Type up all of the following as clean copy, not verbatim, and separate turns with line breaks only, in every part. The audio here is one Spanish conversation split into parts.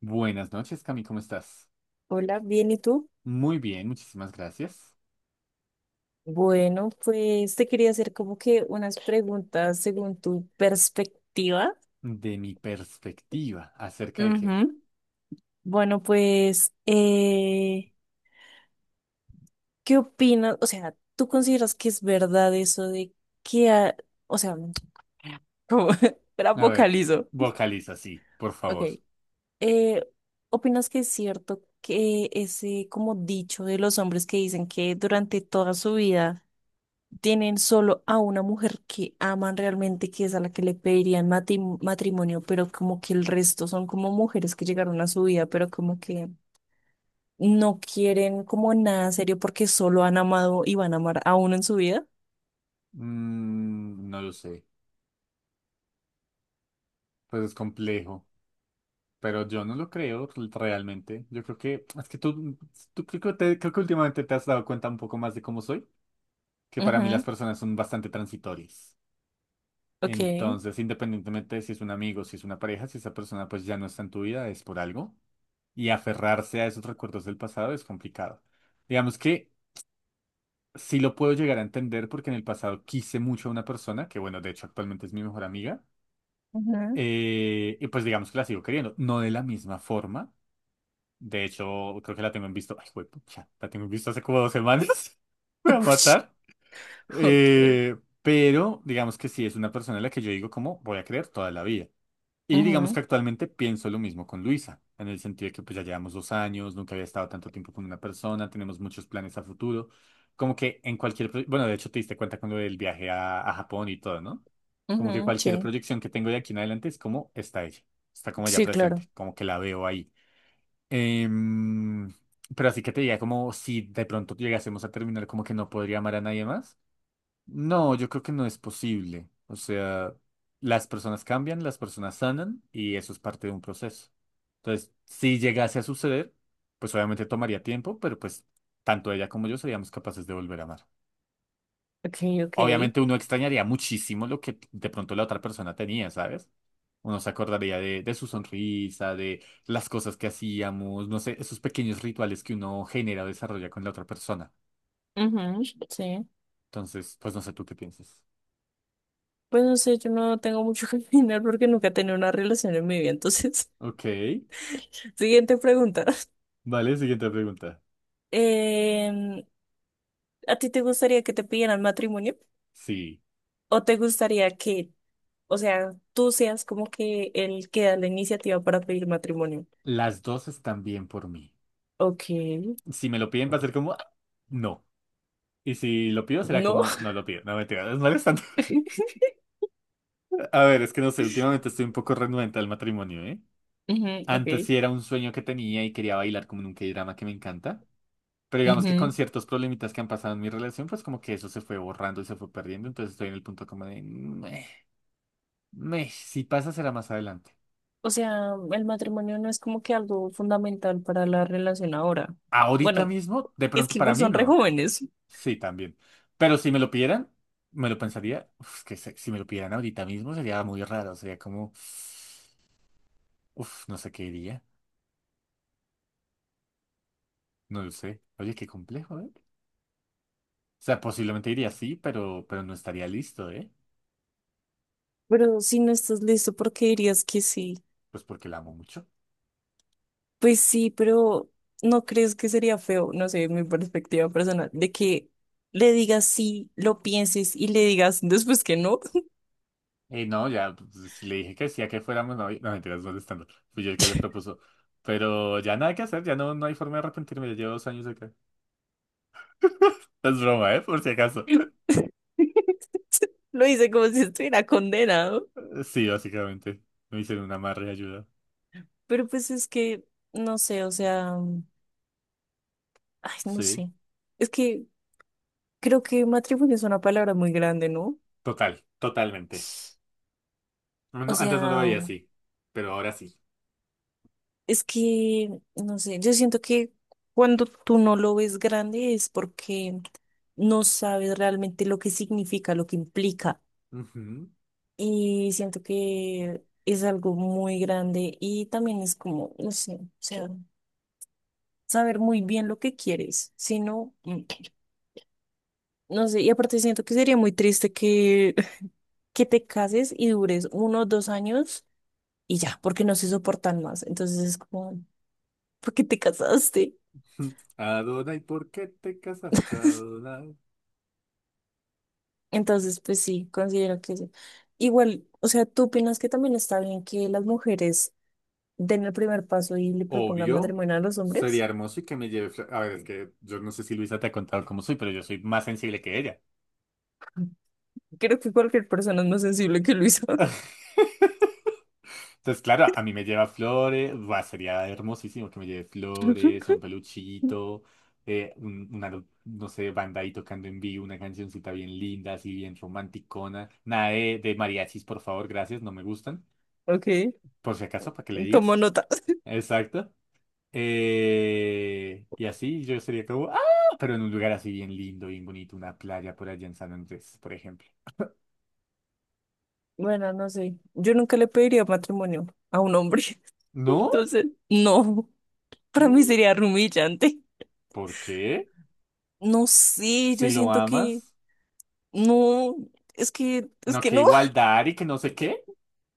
Buenas noches, Cami, ¿cómo estás?
Hola, bien, ¿y tú?
Muy bien, muchísimas gracias.
Bueno, pues te quería hacer como que unas preguntas según tu perspectiva.
De mi perspectiva, ¿acerca de qué?
Ujú. Bueno, pues, ¿qué opinas? O sea, ¿tú consideras que es verdad eso de que, o sea, como, era
A ver,
vocalizo.
vocaliza, sí, por
Ok,
favor.
eh, ¿opinas que es cierto que ese como dicho de los hombres que dicen que durante toda su vida tienen solo a una mujer que aman realmente, que es a la que le pedirían matrimonio, pero como que el resto son como mujeres que llegaron a su vida, pero como que no quieren como nada serio porque solo han amado y van a amar a uno en su vida?
No lo sé, pues es complejo, pero yo no lo creo realmente. Yo creo que, es que tú creo que, creo que últimamente te has dado cuenta un poco más de cómo soy, que para mí las
Ujú,
personas son bastante transitorias.
ok,
Entonces, independientemente de si es un amigo, si es una pareja, si esa persona pues ya no está en tu vida, es por algo. Y aferrarse a esos recuerdos del pasado es complicado. Digamos que sí lo puedo llegar a entender porque en el pasado quise mucho a una persona, que bueno, de hecho actualmente es mi mejor amiga,
ujú,
y pues digamos que la sigo queriendo, no de la misma forma. De hecho, creo que la tengo en visto, ay, ya, la tengo en visto hace como dos semanas. Me va a
ush,
matar.
ok,
Eh, pero digamos que sí es una persona a la que yo digo como voy a creer toda la vida. Y digamos
ujú,
que actualmente pienso lo mismo con Luisa, en el sentido de que pues ya llevamos dos años, nunca había estado tanto tiempo con una persona, tenemos muchos planes a futuro, como que en cualquier, bueno, de hecho te diste cuenta con lo del viaje a Japón y todo, ¿no? Como que
ujú,
cualquier
sí,
proyección que tengo de aquí en adelante es como está ella, está como ya
sí,
presente,
claro,
como que la veo ahí. Em, pero así que te diga como si de pronto llegásemos a terminar, como que no podría amar a nadie más. No, yo creo que no es posible. O sea, las personas cambian, las personas sanan y eso es parte de un proceso. Entonces, si llegase a suceder, pues obviamente tomaría tiempo, pero pues tanto ella como yo seríamos capaces de volver a amar.
ok, ok,
Obviamente uno extrañaría muchísimo lo que de pronto la otra persona tenía, ¿sabes? Uno se acordaría de su sonrisa, de las cosas que hacíamos, no sé, esos pequeños rituales que uno genera o desarrolla con la otra persona.
ujú, sí.
Entonces, pues no sé tú qué piensas.
Pues no sé, yo no tengo mucho que opinar porque nunca he tenido una relación en mi vida, entonces,
Ok,
siguiente pregunta.
vale, siguiente pregunta.
Em, ¿A ti te gustaría que te pidieran matrimonio?
Sí,
¿O te gustaría que, o sea, tú seas como que el que da la iniciativa para pedir matrimonio?
las dos están bien por mí.
Ok,
Si me lo piden va a ser como, "Ah, no". Y si lo pido será
no.
como, no lo pido, no me es molestando. A ver, es que no sé, últimamente estoy un poco renuente al matrimonio, ¿eh?
Ujú,
Antes
ok.
sí era un sueño que tenía y quería bailar como en un K-drama que me encanta. Pero digamos que
Ujú.
con ciertos problemitas que han pasado en mi relación, pues como que eso se fue borrando y se fue perdiendo. Entonces estoy en el punto como de, "Meh, meh, si pasa será más adelante".
O sea, el matrimonio no es como que algo fundamental para la relación ahora.
Ahorita
Bueno,
mismo, de
es
pronto
que
para
igual
mí
son re
no.
jóvenes.
Sí, también. Pero si me lo pidieran, me lo pensaría. Uf, si me lo pidieran ahorita mismo sería muy raro. Sería como, uf, no sé qué diría. No lo sé. Oye, qué complejo, ¿eh? O sea, posiblemente diría sí, pero no estaría listo, ¿eh?
Pero si no estás listo, ¿por qué dirías que sí?
Pues porque la amo mucho.
Pues sí, pero ¿no crees que sería feo? No sé, mi perspectiva personal, de que le digas sí, lo pienses y le digas después que no.
No, ya, pues, si le dije que sí a que fuéramos novios. No, mentiras, molestando. Fui yo el que le propuso. Pero ya nada que hacer, ya no, no hay forma de arrepentirme. Ya llevo dos años acá. Es broma, ¿eh? Por si acaso.
Lo hice como si estuviera condenado.
Sí, básicamente. Me hicieron una amarre de ayuda.
Pero pues es que, no sé, o sea, ay, no
Sí,
sé. Es que creo que matrimonio es una palabra muy grande, ¿no?
total, totalmente.
O
No, antes no lo veía
sea,
así, pero ahora sí.
es que, no sé, yo siento que cuando tú no lo ves grande es porque no sabes realmente lo que significa, lo que implica.
Ujú.
Y siento que es algo muy grande y también es como, no sé, o sea, saber muy bien lo que quieres, si no, mm, no sé, y aparte siento que sería muy triste que, que te cases y dures 1 o 2 años y ya, porque no se soportan más, entonces es como, ¿por qué te casaste?
Adonai, ¿por qué te casaste, Adonai?
Entonces, pues sí, considero que sí. Igual, o sea, ¿tú opinas que también está bien que las mujeres den el primer paso y le propongan
Obvio,
matrimonio a los
sería
hombres?
hermoso y que me lleve... A ver, es que yo no sé si Luisa te ha contado cómo soy, pero yo soy más sensible que ella.
Creo que cualquier persona es más sensible que Luisa.
Entonces, claro, a mí me lleva flores, va, sería hermosísimo que me lleve flores, un peluchito, una, no sé, banda ahí tocando en vivo, una cancioncita bien linda, así bien romanticona. Nada de mariachis, por favor, gracias, no me gustan.
Ok,
Por si acaso, para que le
tomo
digas.
nota.
Exacto. Y así yo sería como, ¡ah! Pero en un lugar así bien lindo, bien bonito, una playa por allá en San Andrés, por ejemplo.
Bueno, no sé. Yo nunca le pediría matrimonio a un hombre.
¿No?
Entonces, no. Para
Mm,
mí sería humillante.
¿por qué?
No sé, yo
Si lo
siento que
amas.
no. Es
No,
que
que
no.
igualdad y que no sé qué.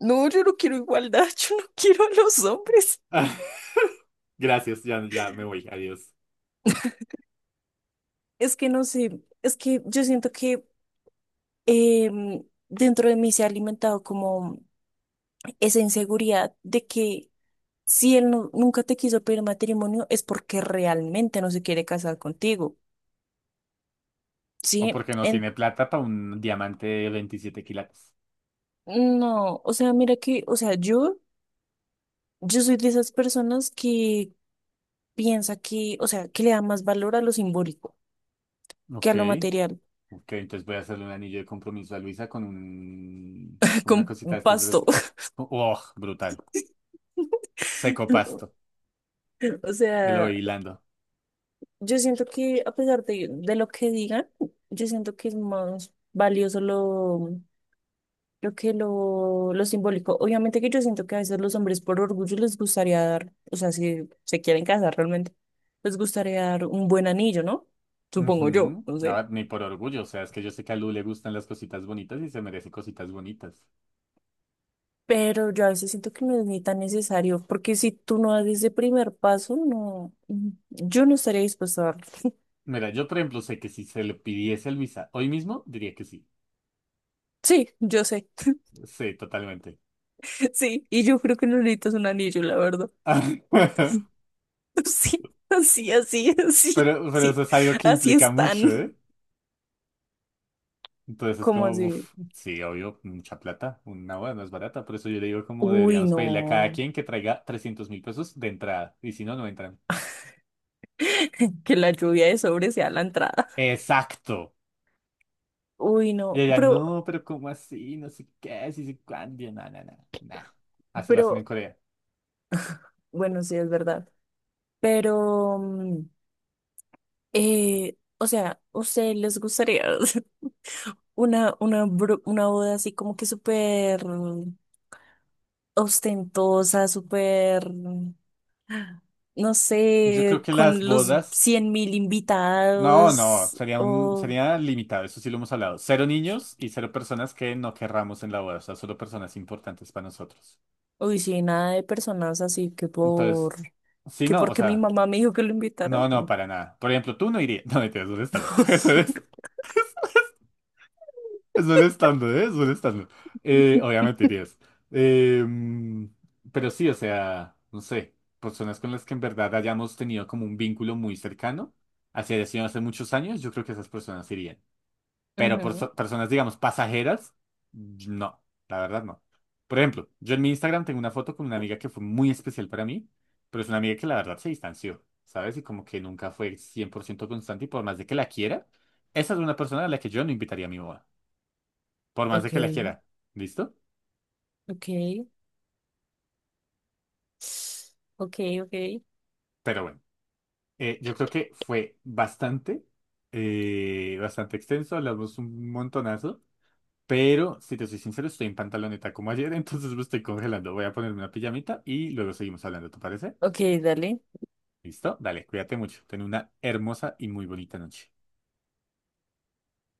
No, yo no quiero igualdad. Yo no quiero a los hombres.
Gracias, ya, ya me voy, adiós.
Es que no sé. Es que yo siento que em, dentro de mí se ha alimentado como esa inseguridad de que, si él nunca te quiso pedir matrimonio, es porque realmente no se quiere casar contigo,
O
¿sí?
porque no
En-
tiene plata para un diamante de 27 quilates.
no, o sea, mira que, o sea, yo soy de esas personas que piensa que, o sea, que le da más valor a lo simbólico que
Ok,
a lo material,
ok, entonces voy a hacerle un anillo de compromiso a Luisa con una
con
cosita de estas de los...
pasto.
¡Oh, brutal! Seco pasto.
O
Y lo
sea,
voy hilando.
yo siento que a pesar de lo que digan, yo siento que es más valioso lo que lo simbólico. Obviamente que yo siento que a veces los hombres por orgullo les gustaría dar, o sea, si se quieren casar realmente, les gustaría dar un buen anillo, ¿no? Supongo yo,
Ujú.
no
A
sé.
ver, ni por orgullo, o sea, es que yo sé que a Lu le gustan las cositas bonitas y se merece cositas bonitas.
Pero yo a veces siento que no es ni tan necesario, porque si tú no das ese primer paso, no, mm, yo no estaría dispuesta a darlo.
Mira, yo por ejemplo sé que si se lo pidiese a Luisa hoy mismo, diría que sí.
Sí, yo sé.
Sí, totalmente.
Sí, y yo creo que no necesitas un anillo, la verdad. Sí, así, así, así,
Pero
sí,
eso es algo que
así
implica mucho,
están.
¿eh? Entonces es
Como
como,
así?
uff, sí, obvio, mucha plata, una boda no es barata, por eso yo le digo como
Uy,
deberíamos pedirle a cada
no.
quien que traiga 300.000 pesos de entrada, y si no, no entran.
Que la lluvia de sobre sea la entrada.
Exacto.
Uy,
Y
no,
ella,
pero,
no, pero ¿cómo así? No sé qué, si sé cuándo. Y yo, no, no, no, nah. Así lo hacen en
pero,
Corea.
bueno, sí, es verdad. Pero, o sea, ¿ustedes les gustaría una boda así como que súper ostentosa, súper, no
Yo creo
sé,
que las
con los
bodas.
100.000
No, no,
invitados
sería un,
o,
sería limitado, eso sí lo hemos hablado. Cero niños y cero personas que no querramos en la boda, o sea, solo personas importantes para nosotros.
uy, sí, nada de personas así que
Entonces,
por,
sí,
que
no, o
porque mi
sea,
mamá me dijo que lo invitaran?
no, para nada. Por ejemplo, tú no irías. No, mentiras, ¿dónde está? Es un estándar, ¿eh? Es un estándar. Obviamente irías. Eh, pero sí, o sea, no sé, personas con las que en verdad hayamos tenido como un vínculo muy cercano, así haya sido hace muchos años, yo creo que esas personas irían. Pero por
Ujú.
personas, digamos, pasajeras, no, la verdad no. Por ejemplo, yo en mi Instagram tengo una foto con una amiga que fue muy especial para mí, pero es una amiga que la verdad se distanció, ¿sabes? Y como que nunca fue 100% constante y por más de que la quiera, esa es una persona a la que yo no invitaría a mi boda por más de
Ok,
que la quiera. ¿Listo?
ok, ok, ok,
Pero bueno, yo creo que fue bastante, bastante extenso, hablamos un montonazo, pero si te soy sincero, estoy en pantaloneta como ayer, entonces me estoy congelando. Voy a ponerme una pijamita y luego seguimos hablando, ¿te parece?
ok, dale.
¿Listo? Dale, cuídate mucho. Ten una hermosa y muy bonita noche.